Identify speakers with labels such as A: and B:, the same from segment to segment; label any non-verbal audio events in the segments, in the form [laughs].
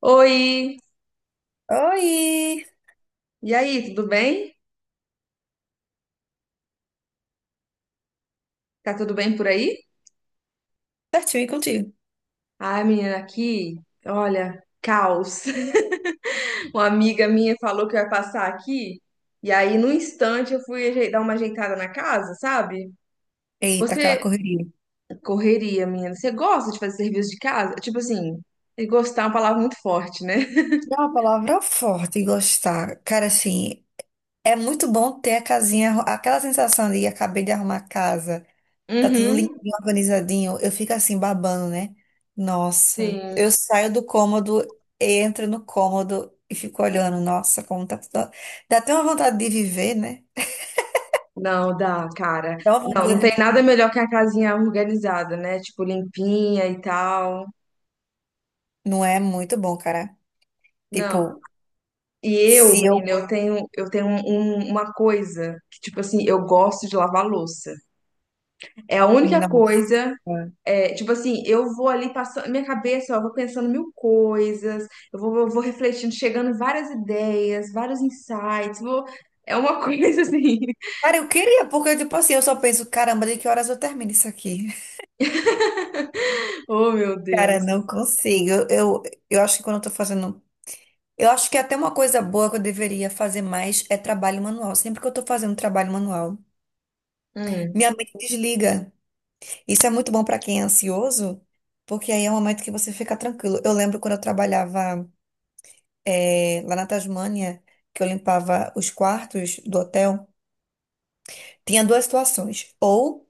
A: Oi!
B: Oi!
A: E aí, tudo bem? Tá tudo bem por aí?
B: Certinho, e contigo?
A: Ai, menina, aqui, olha, caos. [laughs] Uma amiga minha falou que eu ia passar aqui, e aí, num instante, dar uma ajeitada na casa, sabe?
B: Eita, aquela
A: Você
B: correria.
A: correria, menina. Você gosta de fazer serviço de casa? Tipo assim, e gostar é uma palavra muito forte, né?
B: É uma palavra forte, gostar. Cara, assim, é muito bom ter a casinha, aquela sensação de acabei de arrumar a casa, tá tudo
A: Uhum,
B: limpinho, organizadinho. Eu fico assim, babando, né? Nossa, eu
A: sim.
B: saio do cômodo, entro no cômodo e fico olhando. Nossa, como tá tudo. Dá até uma vontade de viver, né?
A: Não, dá, cara.
B: Dá uma
A: Não, não
B: vontade.
A: tem nada melhor que a casinha organizada, né? Tipo, limpinha e tal.
B: Não é muito bom, cara.
A: Não.
B: Tipo,
A: E eu,
B: se
A: menina,
B: eu.
A: eu tenho uma coisa que, tipo assim, eu gosto de lavar louça. É a única
B: Nossa.
A: coisa, é, tipo assim, eu vou ali passando, minha cabeça, ó, eu vou pensando mil coisas, eu vou refletindo, chegando várias ideias, vários insights, vou- é uma [laughs] coisa assim.
B: Cara, eu queria, porque, tipo assim, eu só penso, caramba, de que horas eu termino isso aqui? [laughs]
A: [laughs] Oh, meu
B: Cara,
A: Deus.
B: não consigo. Eu acho que quando eu tô fazendo. Eu acho que até uma coisa boa que eu deveria fazer mais é trabalho manual. Sempre que eu tô fazendo trabalho manual,
A: Hum.
B: minha mente desliga. Isso é muito bom pra quem é ansioso, porque aí é um momento que você fica tranquilo. Eu lembro quando eu trabalhava, lá na Tasmânia, que eu limpava os quartos do hotel, tinha duas situações. Ou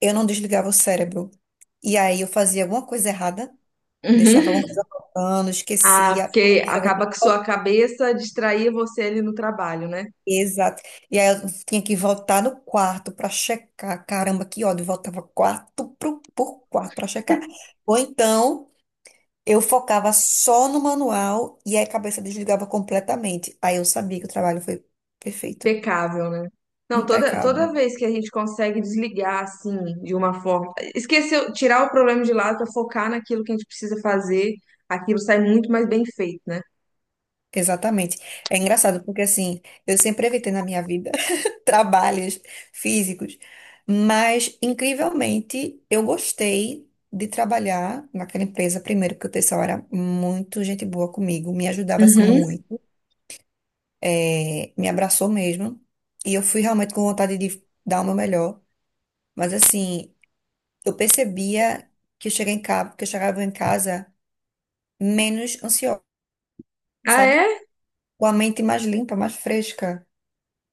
B: eu não desligava o cérebro, e aí eu fazia alguma coisa errada. Deixava
A: Uhum.
B: alguma coisa faltando,
A: Ah,
B: esquecia.
A: porque
B: Puxa, eu vou ter que
A: acaba que
B: voltar.
A: sua cabeça distraía você ali no trabalho, né?
B: Exato. E aí eu tinha que voltar no quarto para checar. Caramba, que ódio. Voltava por quarto para checar. Ou então eu focava só no manual e aí a cabeça desligava completamente. Aí eu sabia que o trabalho foi perfeito.
A: Impecável, né? Não, toda,
B: Impecável.
A: toda vez que a gente consegue desligar, assim, de uma forma. Esquecer, tirar o problema de lado para focar naquilo que a gente precisa fazer, aquilo sai muito mais bem feito, né?
B: Exatamente. É engraçado, porque assim, eu sempre evitei na minha vida. Trabalhos físicos. Mas, incrivelmente, eu gostei de trabalhar naquela empresa, primeiro, porque o pessoal era muito gente boa comigo, me ajudava assim
A: Uhum.
B: muito, me abraçou mesmo. E eu fui realmente com vontade de dar o meu melhor. Mas, assim, eu percebia que eu cheguei em casa, que eu chegava em casa menos ansiosa,
A: Ah,
B: sabe?
A: é?
B: Com a mente mais limpa, mais fresca.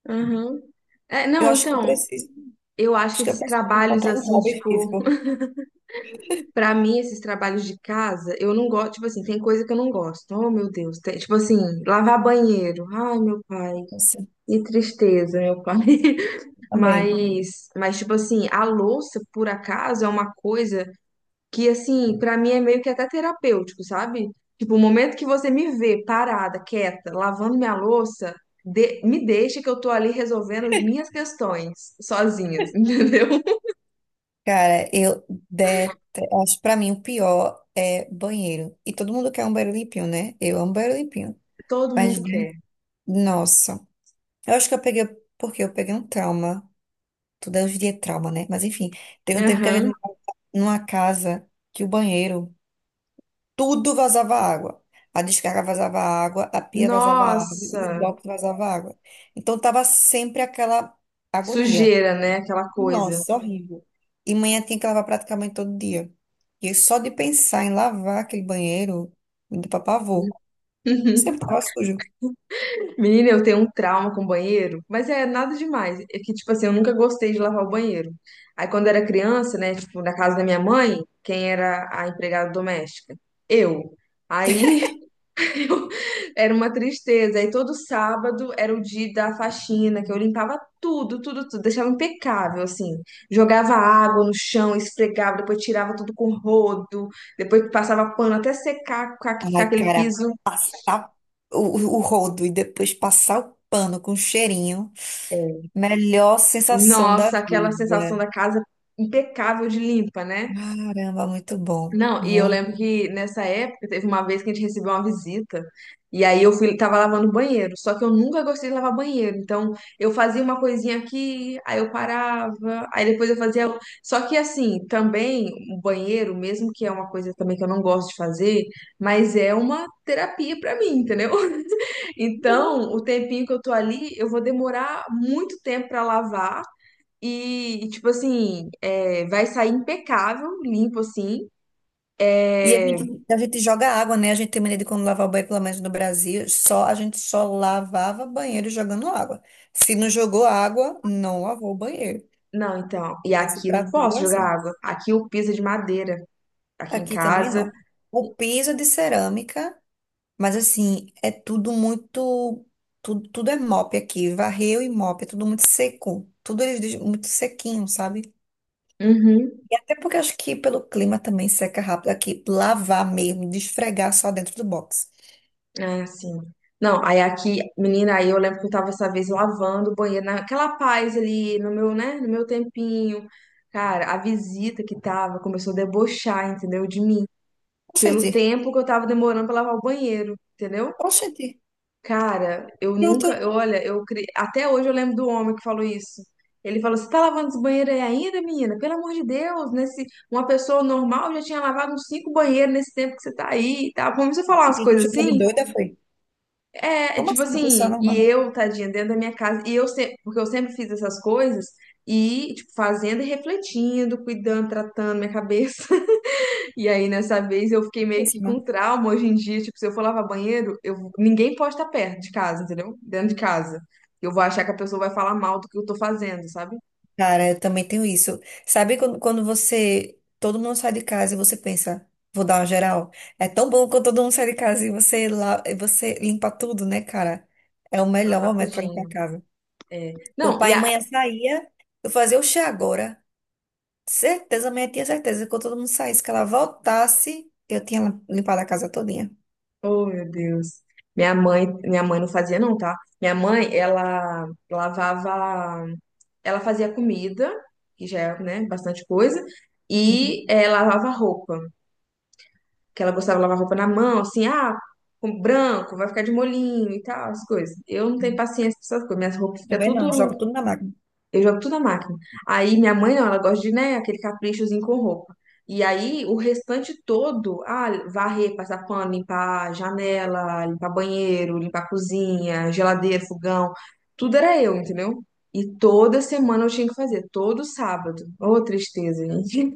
A: Uhum. É,
B: Eu
A: não,
B: acho que eu
A: então,
B: preciso,
A: eu acho
B: acho
A: que
B: que eu
A: esses
B: preciso
A: trabalhos,
B: encontrar um
A: assim,
B: hobby
A: tipo,
B: físico
A: pra mim, esses trabalhos de casa, eu não gosto, tipo assim, tem coisa que eu não gosto. Oh, meu Deus. Tem- tipo assim, lavar banheiro. Ai, meu pai.
B: assim,
A: Que tristeza, meu pai.
B: também.
A: Mas tipo assim, a louça, por acaso, é uma coisa que, assim, pra mim é meio que até terapêutico, sabe? Tipo, o momento que você me vê parada, quieta, lavando minha louça, de- me deixa que eu tô ali resolvendo as minhas questões sozinhas, [laughs] entendeu?
B: Cara, eu detesto. Acho que pra mim o pior é banheiro. E todo mundo quer um banheiro limpinho, né? Eu amo banheiro limpinho.
A: Todo
B: Mas,
A: mundo
B: de-
A: quer.
B: Nossa. Eu acho que eu peguei. Porque eu peguei um trauma. Tudo é hoje em dia é trauma, né? Mas enfim, teve um tempo que a gente
A: Aham.
B: morava numa casa que o banheiro, tudo vazava água. A descarga vazava água, a pia vazava água, o
A: Nossa,
B: box vazava água. Então tava sempre aquela agonia.
A: sujeira, né? Aquela coisa.
B: Nossa, horrível. E manhã tinha que lavar praticamente todo dia. E eu só de pensar em lavar aquele banheiro, me deu pra pavor.
A: [laughs]
B: Sempre tava sujo.
A: Menina, eu tenho um trauma com banheiro, mas é nada demais. É que, tipo assim, eu nunca gostei de lavar o banheiro. Aí, quando era criança, né, tipo, na casa da minha mãe, quem era a empregada doméstica? Eu. Aí, [laughs] eu- era uma tristeza. Aí, todo sábado era o dia da faxina, que eu limpava tudo, tudo, tudo, deixava impecável, assim. Jogava água no chão, esfregava, depois tirava tudo com rodo, depois passava pano até secar, ficar
B: Ai,
A: aquele
B: cara,
A: piso.
B: tá o, o rodo e depois passar o pano com cheirinho. Melhor sensação da
A: Nossa, aquela sensação
B: vida.
A: da casa impecável de limpa, né?
B: Caramba, muito bom.
A: Não, e eu
B: Muito.
A: lembro que nessa época teve uma vez que a gente recebeu uma visita, e aí eu fui, tava lavando o banheiro, só que eu nunca gostei de lavar banheiro, então eu fazia uma coisinha aqui, aí eu parava, aí depois eu fazia. Só que assim, também o banheiro, mesmo que é uma coisa também que eu não gosto de fazer, mas é uma terapia pra mim, entendeu? [laughs] Então, o tempinho que eu tô ali, eu vou demorar muito tempo pra lavar. E tipo assim, é, vai sair impecável, limpo assim.
B: E a
A: É,
B: gente, a gente joga água, né? A gente tem mania de quando lavar o banheiro, pelo menos no Brasil, só, a gente só lavava banheiro jogando água. Se não jogou água, não lavou o banheiro.
A: não, então. E
B: Esse
A: aqui não
B: prato
A: posso jogar
B: assim.
A: água. Aqui o piso é de madeira. Aqui em
B: Aqui também
A: casa.
B: não. O piso é de cerâmica, mas assim, é tudo muito. Tudo, tudo é mop aqui. Varreu e mop, é tudo muito seco. Tudo eles dizem muito sequinho, sabe?
A: Uhum.
B: E até porque acho que pelo clima também seca rápido aqui. Lavar mesmo, desfregar só dentro do box.
A: É assim. Não, aí aqui, menina, aí eu lembro que eu tava essa vez lavando o banheiro, naquela paz ali, no meu, né, no meu tempinho. Cara, a visita que tava começou a debochar, entendeu? De mim.
B: Oxente,
A: Pelo tempo que eu tava demorando pra lavar o banheiro, entendeu?
B: oxente,
A: Cara, eu nunca,
B: pronto.
A: eu, olha, eu cre- até hoje eu lembro do homem que falou isso. Ele falou: "Você tá lavando esse banheiro aí ainda, menina? Pelo amor de Deus, nesse uma pessoa normal já tinha lavado uns cinco banheiros nesse tempo que você tá aí e tal". Começou a falar umas
B: Gente, me
A: coisas
B: chamou de
A: assim.
B: doida, foi?
A: É
B: Como
A: tipo
B: assim, uma pessoa
A: assim, e
B: normal?
A: eu, tadinha, dentro da minha casa, e eu sempre, porque eu sempre fiz essas coisas e tipo fazendo e refletindo, cuidando, tratando minha cabeça. E aí, nessa vez, eu fiquei meio que com
B: Péssima.
A: trauma hoje em dia. Tipo, se eu for lavar banheiro, eu... ninguém pode estar perto de casa, entendeu? Dentro de casa. Eu vou achar que a pessoa vai falar mal do que eu tô fazendo, sabe?
B: Cara, eu também tenho isso. Sabe quando você, todo mundo sai de casa e você pensa, vou dar uma geral? É tão bom quando todo mundo sai de casa e você lá, e você limpa tudo, né, cara? É o
A: Ah,
B: melhor momento pra limpar a
A: rapidinho.
B: casa. Quando
A: Não, e
B: pai e
A: a.
B: mãe saía, eu fazia o chá agora. Certeza, minha tinha certeza que quando todo mundo saísse, que ela voltasse, eu tinha limpado a casa todinha.
A: Oh, meu Deus. Minha mãe não fazia, não, tá? Minha mãe, ela lavava. Ela fazia comida, que já é, né, bastante coisa,
B: Uhum.
A: e lavava roupa. Que ela gostava de lavar roupa na mão, assim, ah, com branco, vai ficar de molinho e tal, as coisas. Eu não tenho paciência pra essas coisas, minhas roupas ficam
B: Também não, jogo
A: tudo,
B: tudo na máquina.
A: eu jogo tudo na máquina. Aí minha mãe não, ela gosta de, né, aquele caprichozinho com roupa. E aí o restante todo, ah, varrer, passar pano, limpar janela, limpar banheiro, limpar cozinha, geladeira, fogão, tudo era eu, entendeu? E toda semana eu tinha que fazer, todo sábado. Ô, tristeza, gente.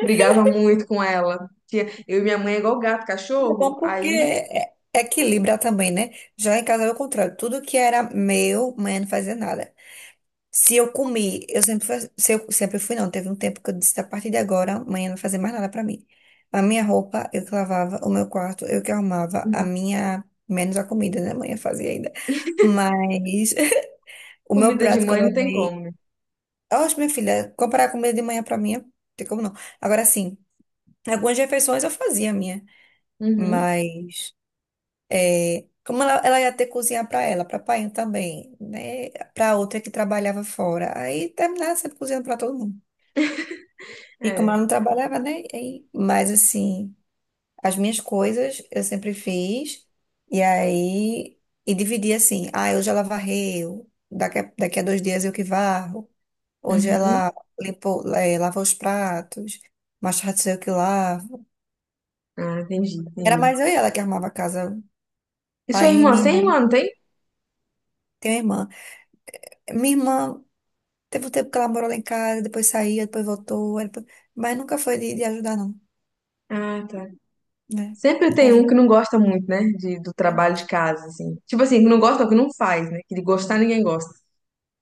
A: Brigava muito com ela. Tinha- Eu e minha mãe é igual gato,
B: É
A: cachorro.
B: bom porque
A: Aí,
B: é- equilibra também, né? Já em casa é o contrário. Tudo que era meu, mãe não fazia nada. Se eu comi, eu sempre, se eu sempre fui, não. Teve um tempo que eu disse, a partir de agora, amanhã não vai fazer mais nada pra mim. A minha roupa, eu que lavava, o meu quarto, eu que arrumava, a
A: uhum,
B: minha, menos a comida, né? Amanhã fazia ainda. Mas [laughs] o meu
A: comida de
B: prato que eu
A: mãe não tem
B: lavei.
A: como, né?
B: Oxe, minha filha, comprar a comida de manhã pra mim, não tem como não. Agora sim, algumas refeições eu fazia a minha,
A: Uhum,
B: mas é, como ela ia ter que cozinhar pra ela, pra pai também, né? Pra outra que trabalhava fora. Aí terminava sempre cozinhando pra todo mundo. E como
A: é.
B: ela não trabalhava, né? E- Mas assim, as minhas coisas eu sempre fiz. E aí, e dividi assim, ah, hoje ela varreu, daqui a 2 dias eu que varro. Hoje
A: Uhum.
B: ela limpou, lava os pratos, mais tarde sou eu que lavo.
A: Ah, entendi,
B: Era
A: entendi.
B: mais eu e ela que arrumava a casa.
A: E sua
B: Pai e
A: irmã?
B: minha
A: Você é
B: irmã.
A: irmã, não tem?
B: Tenho uma irmã. Minha irmã teve um tempo que ela morou lá em casa, depois saía, depois voltou, aí depois- mas nunca foi de ajudar, não,
A: Ah, tá.
B: né?
A: Sempre
B: Me
A: tem um que não
B: ajudou.
A: gosta muito, né? De, do trabalho de casa, assim. Tipo assim, que não gosta, não, que não faz, né? Que de gostar ninguém gosta.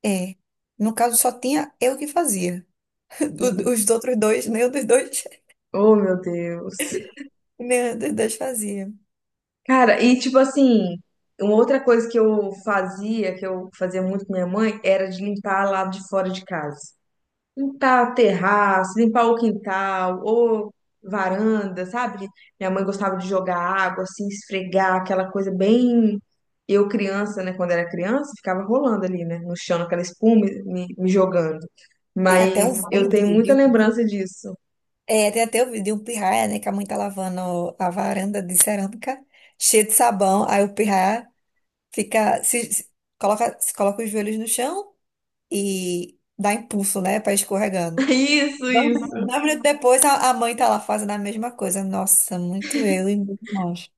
B: É. No caso, só tinha eu que fazia. [laughs]
A: Uhum.
B: Os outros dois, nenhum dos dois,
A: Oh, meu Deus.
B: [laughs] nenhum dos dois fazia.
A: Cara, e tipo assim, uma outra coisa que eu fazia muito com minha mãe, era de limpar lá de fora de casa. Limpar o terraço, limpar o quintal, ou varanda, sabe? Minha mãe gostava de jogar água, assim, esfregar, aquela coisa bem. Eu, criança, né? Quando era criança, ficava rolando ali, né? No chão, aquela espuma me jogando.
B: Tem até
A: Mas
B: um
A: eu tenho
B: vídeo
A: muita
B: de um, de um-
A: lembrança disso.
B: é, tem até o vídeo de um pirraia, né, que a mãe tá lavando a varanda de cerâmica cheia de sabão, aí o pirraia fica se coloca os joelhos no chão e dá impulso, né, para escorregando.
A: [laughs] Isso,
B: Dois min-
A: isso.
B: dois minutos depois a mãe tá lá fazendo a mesma coisa. Nossa, muito eu e muito nós.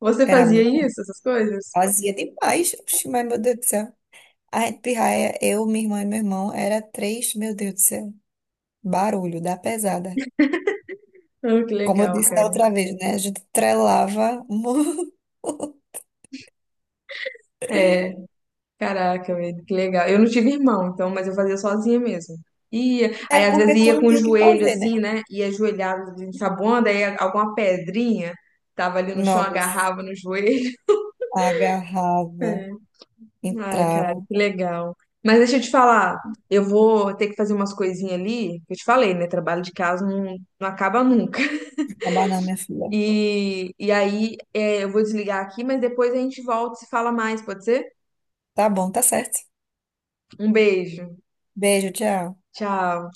A: Você
B: Era
A: fazia
B: muito.
A: isso, essas coisas?
B: Fazia demais. Oxi, mas meu Deus do céu. A gente pirraia, eu, minha irmã e meu irmão, era três, meu Deus do céu, barulho da pesada.
A: Oh, que
B: Como eu
A: legal,
B: disse da
A: cara.
B: outra vez, né? A gente trelava muito. [laughs]
A: É. Caraca, velho, que legal. Eu não tive irmão, então, mas eu fazia sozinha mesmo. Ia,
B: É
A: aí às vezes
B: porque tu
A: ia
B: não
A: com o
B: tinha o que
A: joelho
B: fazer, né?
A: assim, né? Ia ajoelhado, ensaboando, aí alguma pedrinha tava ali no chão,
B: Nossa,
A: agarrava no joelho.
B: agarrava,
A: É. Ai, cara,
B: entrava.
A: que legal. Mas deixa eu te falar, eu vou ter que fazer umas coisinhas ali, que eu te falei, né? Trabalho de casa não, não acaba nunca.
B: Acabar não, minha filha.
A: E aí, é, eu vou desligar aqui, mas depois a gente volta e se fala mais, pode ser?
B: Tá bom, tá certo.
A: Um beijo.
B: Beijo, tchau.
A: Tchau.